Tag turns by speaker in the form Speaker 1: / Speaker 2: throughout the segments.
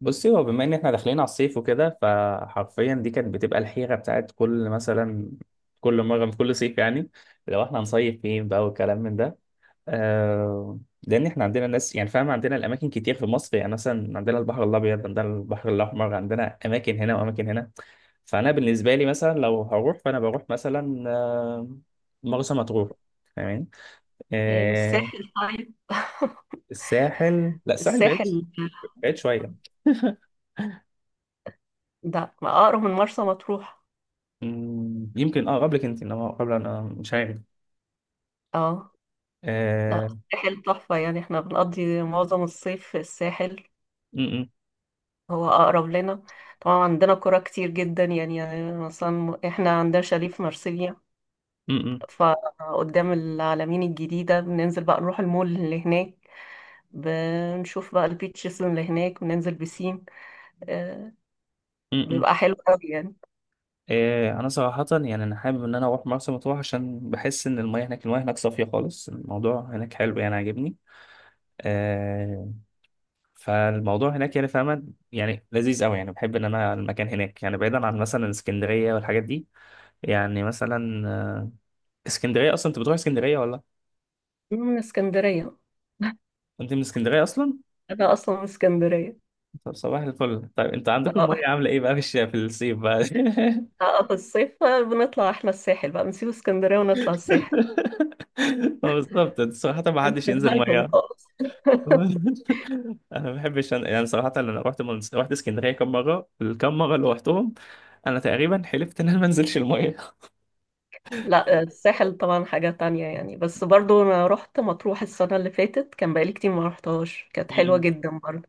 Speaker 1: بصي، هو بما ان احنا داخلين على الصيف وكده، فحرفيا دي كانت بتبقى الحيرة بتاعت كل، كل مرة في كل صيف يعني. لو احنا هنصيف فين بقى، والكلام من ده. لان احنا عندنا ناس، يعني فاهم، عندنا الاماكن كتير في مصر. يعني مثلا عندنا البحر الابيض، عندنا البحر الاحمر، عندنا اماكن هنا واماكن هنا. فانا بالنسبة لي مثلا لو هروح، فانا بروح مثلا مرسى مطروح. فاهمين؟
Speaker 2: ايه
Speaker 1: آه.
Speaker 2: والساحل طيب؟
Speaker 1: الساحل، لا الساحل بعيد،
Speaker 2: الساحل
Speaker 1: بعيد شوية.
Speaker 2: ده اقرب من مرسى مطروح.
Speaker 1: مم، يمكن قبلك انت، انما قبل انا مش عارف.
Speaker 2: اه لا،
Speaker 1: آه.
Speaker 2: الساحل تحفة يعني، احنا بنقضي معظم الصيف في الساحل.
Speaker 1: م-. م-.
Speaker 2: هو اقرب لنا. طبعا عندنا قرى كتير جدا يعني، يعني مثلا احنا عندنا شاليه في مرسيليا،
Speaker 1: م-.
Speaker 2: فقدام العلمين الجديدة بننزل بقى نروح المول اللي هناك. بنشوف بقى البيتشز اللي هناك وننزل بسين. آه،
Speaker 1: م-. م.
Speaker 2: بيبقى حلو قوي يعني.
Speaker 1: انا صراحة يعني انا حابب ان انا اروح مرسى مطروح، عشان بحس ان المياه هناك، المياه هناك صافية خالص، الموضوع هناك حلو، يعني عاجبني. آه فالموضوع هناك يعني فاهمة، يعني لذيذ قوي، يعني بحب ان انا المكان هناك، يعني بعيدا عن مثلا اسكندرية والحاجات دي. يعني مثلا اسكندرية اصلا انت بتروح اسكندرية ولا؟
Speaker 2: أنا من اسكندرية،
Speaker 1: انت من اسكندرية اصلا؟
Speaker 2: انا اصلا من اسكندرية.
Speaker 1: طب صباح الفل. طيب انت عندكم
Speaker 2: آه.
Speaker 1: المية عاملة ايه بقى في الصيف بقى؟
Speaker 2: في الصيف بقى بنطلع احنا الساحل، بقى بنسيب اسكندرية ونطلع الساحل.
Speaker 1: هو بالظبط صراحة، ما حدش ينزل
Speaker 2: نسيبها لهم
Speaker 1: مية.
Speaker 2: خالص.
Speaker 1: أنا ما بحبش، يعني صراحة أنا رحت اسكندرية كم مرة، الكم مرة اللي رحتهم أنا تقريبا حلفت إن أنا ما أنزلش المية.
Speaker 2: لا الساحل طبعا حاجة تانية يعني، بس برضو انا رحت مطروح السنة اللي فاتت، كان بقالي كتير ما رحتهاش، كانت حلوة
Speaker 1: م-م.
Speaker 2: جدا برضو.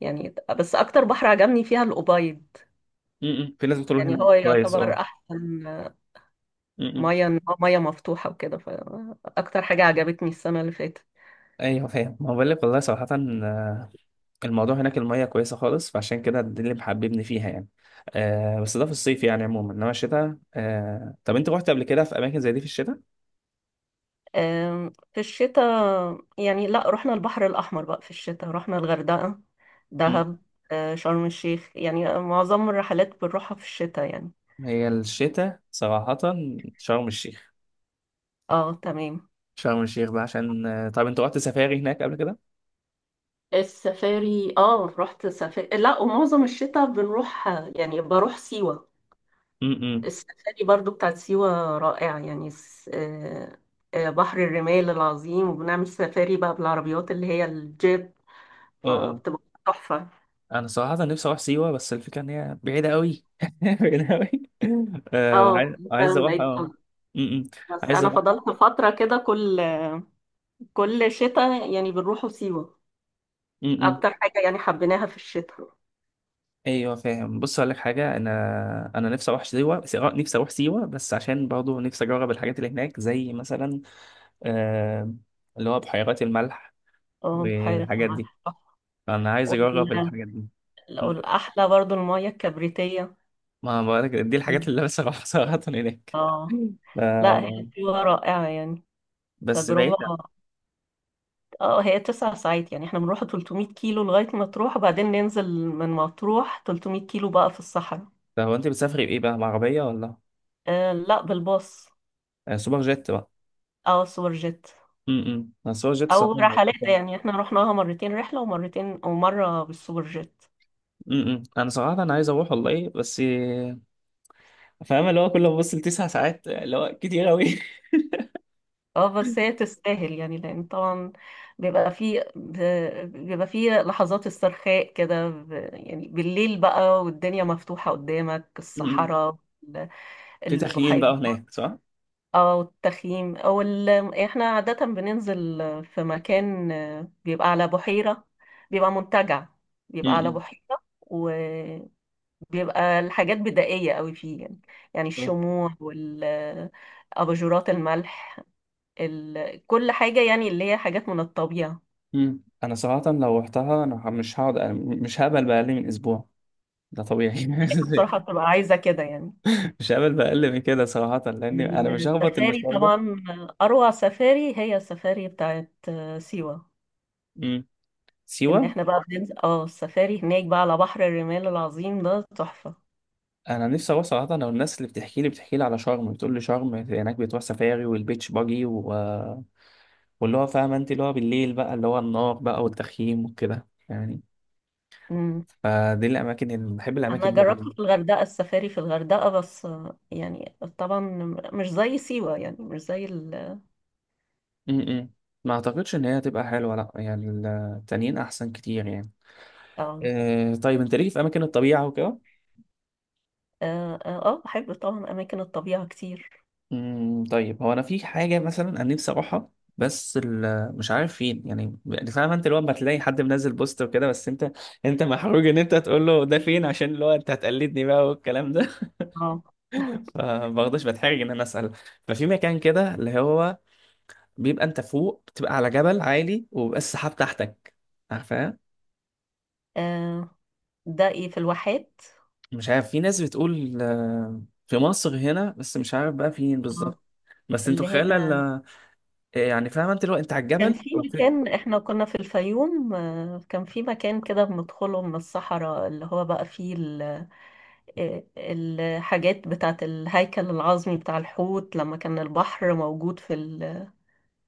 Speaker 2: يعني بس اكتر بحر عجبني فيها الأبيض،
Speaker 1: م-م. في ناس بتقول
Speaker 2: يعني
Speaker 1: هنا
Speaker 2: هو
Speaker 1: كويس
Speaker 2: يعتبر
Speaker 1: أه.
Speaker 2: احسن.
Speaker 1: م-م.
Speaker 2: مية، إن هو مية مفتوحة وكده، فاكتر حاجة عجبتني السنة اللي فاتت.
Speaker 1: أيوه فاهم، ما بقول لك والله صراحة. آه، الموضوع هناك المية كويسة خالص، فعشان كده ده اللي محببني فيها يعني. آه بس ده في الصيف يعني عموما، إنما الشتاء. طب أنت رحت قبل كده في أماكن زي دي في الشتاء؟
Speaker 2: في الشتاء يعني لا، رحنا البحر الأحمر بقى في الشتاء، رحنا الغردقة، دهب، شرم الشيخ، يعني معظم الرحلات بنروحها في الشتاء يعني.
Speaker 1: هي الشتاء صراحة. شرم الشيخ.
Speaker 2: اه تمام.
Speaker 1: شرم الشيخ بقى عشان، طب انت رحت سفاري هناك قبل كده؟
Speaker 2: السفاري، اه رحت سفاري، لا ومعظم الشتاء بنروح يعني، بروح سيوة.
Speaker 1: امم.
Speaker 2: السفاري برضو بتاعت سيوة رائعة يعني. بحر الرمال العظيم، وبنعمل سفاري بقى بالعربيات اللي هي الجيب،
Speaker 1: اه اه.
Speaker 2: فبتبقى تحفة.
Speaker 1: انا صراحة نفسي اروح سيوة، بس الفكرة ان هي بعيدة قوي، بعيدة قوي.
Speaker 2: اه
Speaker 1: وعايز، عايز اروح امم.
Speaker 2: بس
Speaker 1: عايز
Speaker 2: انا
Speaker 1: اروح.
Speaker 2: فضلت فتره كده، كل كل شتاء يعني بنروحوا سيوه،
Speaker 1: امم.
Speaker 2: اكتر حاجه يعني حبيناها في الشتاء.
Speaker 1: ايوه فاهم، بص اقول لك حاجة، انا نفسي اروح سيوة نفسي اروح سيوة بس عشان برضه نفسي اجرب الحاجات اللي هناك زي مثلا، آه اللي هو بحيرات الملح
Speaker 2: اه بحيره
Speaker 1: والحاجات دي.
Speaker 2: الملح.
Speaker 1: انا عايز اجرب
Speaker 2: وال-
Speaker 1: الحاجات دي.
Speaker 2: والاحلى برضو الميه الكبريتيه.
Speaker 1: ما بقولك دي الحاجات
Speaker 2: مم.
Speaker 1: اللي لسه بروح صراحة هناك
Speaker 2: اه. لا هي
Speaker 1: آه،
Speaker 2: سيوه رائعه يعني،
Speaker 1: بس
Speaker 2: تجربه.
Speaker 1: بعيدة.
Speaker 2: اه هي تسع ساعات، يعني احنا بنروح 300 كيلو لغايه مطروح، وبعدين ننزل من مطروح 300 كيلو بقى في الصحراء.
Speaker 1: طب هو انت بتسافري بايه بقى، بعربية ولا؟
Speaker 2: آه لا، بالباص
Speaker 1: سوبر جيت بقى.
Speaker 2: او سوبر جيت،
Speaker 1: امم، انا سوبر جيت
Speaker 2: او
Speaker 1: صراحة هيبقى
Speaker 2: رحلات.
Speaker 1: فاهم.
Speaker 2: يعني احنا رحناها مرتين، رحله ومرتين ومره بالسوبر جيت.
Speaker 1: انا صراحة انا عايز اروح والله، بس فاهم اللي هو كل ما ببص لـ 9 ساعات، اللي هو كتير قوي.
Speaker 2: اه بس هي تستاهل يعني، لان طبعا بيبقى فيه بيبقى فيه لحظات استرخاء كده، يعني بالليل بقى، والدنيا مفتوحة قدامك
Speaker 1: امم.
Speaker 2: الصحراء، ال-
Speaker 1: في تخييم
Speaker 2: البحيرات.
Speaker 1: بقى هناك، صح؟
Speaker 2: اه والتخييم احنا عادة بننزل في مكان، بيبقى على بحيرة، بيبقى منتجع، بيبقى على
Speaker 1: امم.
Speaker 2: بحيرة، وبيبقى الحاجات بدائية قوي فيه يعني. يعني الشموع اباجورات الملح، ال... كل حاجة يعني اللي هي حاجات من الطبيعة.
Speaker 1: امم، انا صراحة لو رحتها انا، مش هقعد أنا، مش هقبل بأقل من اسبوع، ده طبيعي.
Speaker 2: بصراحة بتبقى عايزة كده يعني.
Speaker 1: مش هقبل بأقل من كده صراحة، لأن أنا مش هخبط
Speaker 2: السفاري
Speaker 1: المشوار
Speaker 2: طبعا، أروع سفاري هي السفاري بتاعت سيوة.
Speaker 1: ده.
Speaker 2: إن
Speaker 1: سيوة
Speaker 2: إحنا بقى بننزل اه السفاري هناك بقى على بحر الرمال العظيم، ده تحفة.
Speaker 1: انا نفسي اروح صراحه. لو الناس اللي بتحكي لي على شرم بتقول لي شرم هناك بتروح سفاري والبيتش باجي واللي هو فاهم انت اللي هو بالليل بقى، اللي هو النار بقى والتخييم وكده يعني.
Speaker 2: مم.
Speaker 1: فدي الاماكن اللي بحب،
Speaker 2: أنا
Speaker 1: الاماكن دي
Speaker 2: جربت
Speaker 1: قوي.
Speaker 2: في الغردقة، السفاري في الغردقة بس، يعني طبعا مش زي سيوة، يعني مش زي ال.
Speaker 1: م-م. ما اعتقدش ان هي هتبقى حلوه، لا يعني. التانيين احسن كتير يعني.
Speaker 2: اه
Speaker 1: طيب انت ليك في اماكن الطبيعه وكده؟
Speaker 2: اه. بحب طبعا أماكن الطبيعة كتير.
Speaker 1: امم. طيب هو انا في حاجه مثلا انا نفسي اروحها، بس مش عارف فين يعني، يعني فاهم انت اللي هو لما تلاقي حد منزل بوست وكده، بس انت محروج ان انت تقول له ده فين، عشان اللي هو انت هتقلدني بقى والكلام ده.
Speaker 2: اه.
Speaker 1: فبرضه بتحرج ان انا اسال. ففي مكان كده اللي هو بيبقى انت فوق، بتبقى على جبل عالي، وبيبقى السحاب تحتك، عارفاه؟
Speaker 2: آه، ده إيه في الواحات.
Speaker 1: مش عارف، في ناس بتقول في مصر هنا بس مش عارف بقى فين
Speaker 2: اه
Speaker 1: بالظبط. بس انتوا
Speaker 2: اللي هي
Speaker 1: خيال، يعني فاهم انت اللي هو انت على
Speaker 2: كان
Speaker 1: الجبل
Speaker 2: في
Speaker 1: وفي.
Speaker 2: مكان، احنا كنا في الفيوم، كان في مكان كده بندخله من الصحراء، اللي هو بقى فيه الحاجات بتاعت الهيكل العظمي بتاع الحوت، لما كان البحر موجود في ال...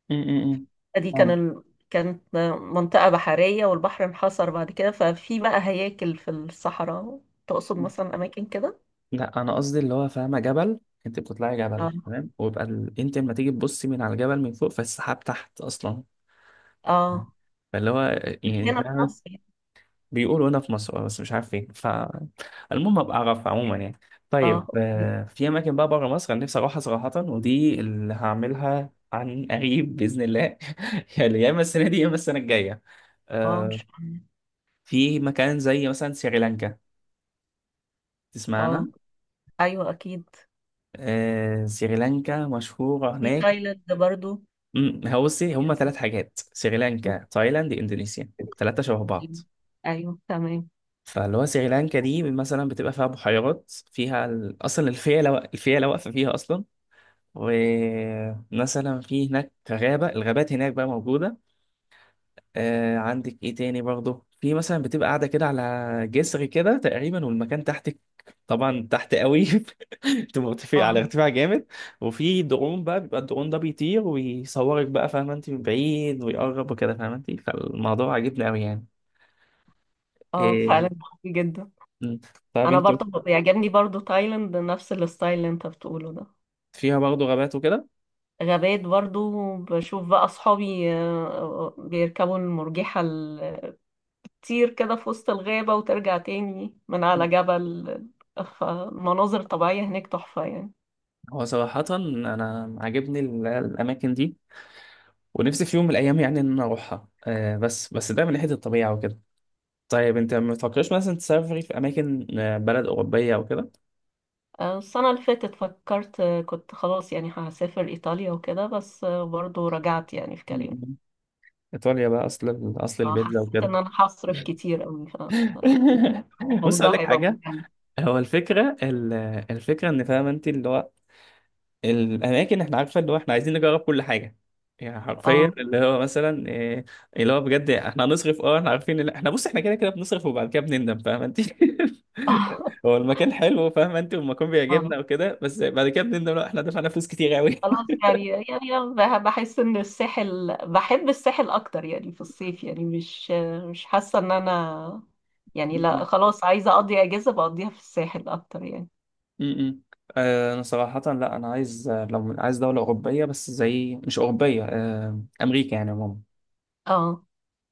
Speaker 1: م-. م-. م.
Speaker 2: دي كان
Speaker 1: فاهم.
Speaker 2: ال... كانت منطقة بحرية والبحر انحصر بعد كده، ففي بقى هياكل في الصحراء. تقصد مثلا أماكن كده؟
Speaker 1: لا انا قصدي اللي هو فاهمه، جبل، انت بتطلعي جبل
Speaker 2: اه
Speaker 1: تمام، ويبقى انت لما تيجي تبصي من على الجبل من فوق، فالسحاب تحت اصلا.
Speaker 2: اه،
Speaker 1: فاللي هو،
Speaker 2: مش
Speaker 1: يعني
Speaker 2: هنا في
Speaker 1: فاهمة.
Speaker 2: مصر.
Speaker 1: بيقولوا هنا في مصر بس مش عارف فين، فالمهم ابقى اعرف عموما يعني.
Speaker 2: اه
Speaker 1: طيب
Speaker 2: اوكي.
Speaker 1: في اماكن بقى بره مصر انا نفسي اروحها صراحه، ودي اللي هعملها عن قريب باذن الله. يعني يا اما السنه دي يا اما السنه الجايه.
Speaker 2: اه
Speaker 1: آه،
Speaker 2: مش هنا.
Speaker 1: في مكان زي مثلا سريلانكا
Speaker 2: اه
Speaker 1: تسمعنا؟
Speaker 2: ايوه اكيد.
Speaker 1: سريلانكا مشهوره
Speaker 2: في
Speaker 1: هناك.
Speaker 2: تايلاند برضو.
Speaker 1: امم. هو بصي، هما ثلاث حاجات: سريلانكا، تايلاند، اندونيسيا، ثلاثة شبه بعض.
Speaker 2: أيوه، أيوه، تمام.
Speaker 1: فاللي هو سريلانكا دي مثلا بتبقى فيها بحيرات، فيها اصلا الفيلة واقفة فيها اصلا. ومثلا في هناك غابة، الغابات هناك بقى موجودة. عندك ايه تاني برضه؟ في مثلا بتبقى قاعده كده على جسر كده تقريبا، والمكان تحتك طبعا تحت قوي، بتبقى مرتفع على
Speaker 2: اه.
Speaker 1: ارتفاع جامد. وفي درون بقى، بيبقى الدرون ده بيطير ويصورك بقى فاهمه انت من بعيد ويقرب وكده فاهمه انت. فالموضوع عجبني قوي يعني.
Speaker 2: اه
Speaker 1: إيه.
Speaker 2: فعلا قوي جدا.
Speaker 1: مم. طب
Speaker 2: أنا
Speaker 1: انت؟
Speaker 2: برضه بيعجبني برضه تايلاند، نفس الستايل اللي أنت بتقوله ده.
Speaker 1: فيها برضه غابات وكده.
Speaker 2: غابات برضه، بشوف بقى أصحابي بيركبوا المرجحة تطير كده في وسط الغابة، وترجع تاني من على
Speaker 1: مم.
Speaker 2: جبل. فمناظر طبيعية هناك تحفة يعني.
Speaker 1: هو صراحة أنا عاجبني، الأماكن دي، ونفسي في يوم من الأيام يعني إن أنا أروحها، بس ده من ناحية الطبيعة وكده. طيب انت ما بتفكرش مثلا تسافري في اماكن، بلد اوروبيه او كده؟
Speaker 2: السنة اللي فاتت فكرت، كنت خلاص يعني هسافر إيطاليا وكده، بس برضه رجعت يعني في كلامي.
Speaker 1: م-. ايطاليا بقى، اصل البيتزا
Speaker 2: حسيت إن
Speaker 1: وكده.
Speaker 2: أنا هصرف كتير أوي.
Speaker 1: بص اقول
Speaker 2: الموضوع
Speaker 1: لك
Speaker 2: هيبقى
Speaker 1: حاجه،
Speaker 2: ممتع.
Speaker 1: هو الفكره، الفكره ان فاهم انت اللي هو الاماكن احنا عارفه، اللي هو احنا عايزين نجرب كل حاجه، يعني حرفيا
Speaker 2: اه.
Speaker 1: اللي هو مثلا إيه، اللي هو بجد احنا هنصرف، احنا عارفين اللي احنا، بص احنا كده كده بنصرف وبعد كده بنندم، فاهم انت. هو المكان حلو فاهم انت، والمكان
Speaker 2: اه
Speaker 1: بيعجبنا وكده، بس بعد كده بنندم، لا احنا دفعنا فلوس كتير قوي.
Speaker 2: خلاص يعني، يعني أنا بحس ان الساحل، بحب الساحل اكتر يعني في الصيف، يعني مش مش حاسه ان انا، يعني لا خلاص، عايزه اقضي اجازه بقضيها في الساحل اكتر يعني.
Speaker 1: امم. انا صراحة لا، انا عايز لو عايز دولة اوروبية، بس زي مش اوروبية، امريكا يعني عموما.
Speaker 2: اه.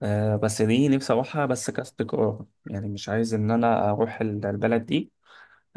Speaker 1: بس دي نفسي اروحها بس كاستقرار، يعني مش عايز ان انا اروح البلد دي،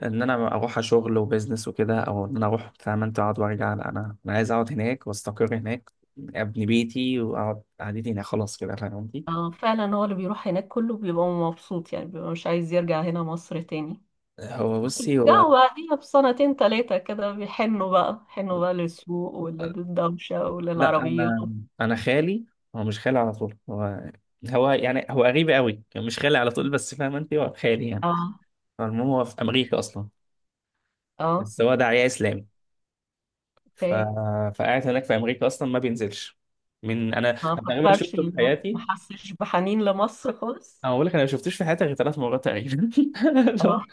Speaker 1: ان انا اروح شغل وبزنس وكده، او ان انا اروح فاهم انت، اقعد وارجع، لا انا، انا عايز اقعد هناك واستقر هناك، ابني بيتي واقعد قعدتي هنا خلاص كده فاهم قصدي.
Speaker 2: اه فعلا، هو اللي بيروح هناك كله بيبقى مبسوط يعني، بيبقى مش عايز يرجع هنا مصر تاني،
Speaker 1: هو
Speaker 2: بس
Speaker 1: بصي هو،
Speaker 2: بيرجعوا بعديها بسنتين تلاتة كده، بيحنوا بقى، حنوا بقى للسوق وللدوشة
Speaker 1: لا
Speaker 2: وللعربيات.
Speaker 1: انا خالي، هو مش خالي على طول، هو، هو يعني، هو قريب قوي يعني، مش خالي على طول بس فاهم انت هو خالي يعني.
Speaker 2: اه.
Speaker 1: المهم هو في امريكا اصلا،
Speaker 2: اه
Speaker 1: بس هو داعية اسلامي. ف...
Speaker 2: اوكي.
Speaker 1: فقاعد هناك في امريكا اصلا ما بينزلش، من انا
Speaker 2: ما
Speaker 1: أنا تقريبا
Speaker 2: فكرش،
Speaker 1: شفته في
Speaker 2: ما
Speaker 1: حياتي،
Speaker 2: ما حسش بحنين لمصر خالص؟
Speaker 1: انا بقول لك، انا ما شفتوش في حياتي غير 3 مرات تقريبا.
Speaker 2: اه.
Speaker 1: لا.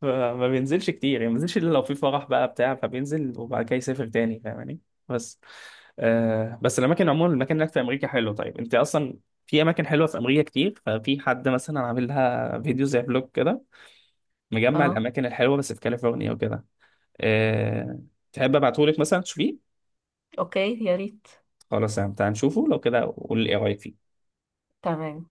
Speaker 1: فما بينزلش كتير يعني، ما بينزلش الا لو في فرح بقى بتاع، فبينزل وبعد كده يسافر تاني فاهماني. بس الاماكن عموما الاماكن هناك في امريكا حلو. طيب انت اصلا في اماكن حلوه في امريكا كتير، ففي حد مثلا عامل لها فيديو زي بلوج كده، مجمع
Speaker 2: اه
Speaker 1: الاماكن الحلوه بس في كاليفورنيا وكده. آه تحب ابعتهولك مثلا تشوفيه؟
Speaker 2: اوكي، يا ريت.
Speaker 1: خلاص يعني تعال نشوفه لو كده، قول لي ايه رايك فيه.
Speaker 2: تمام.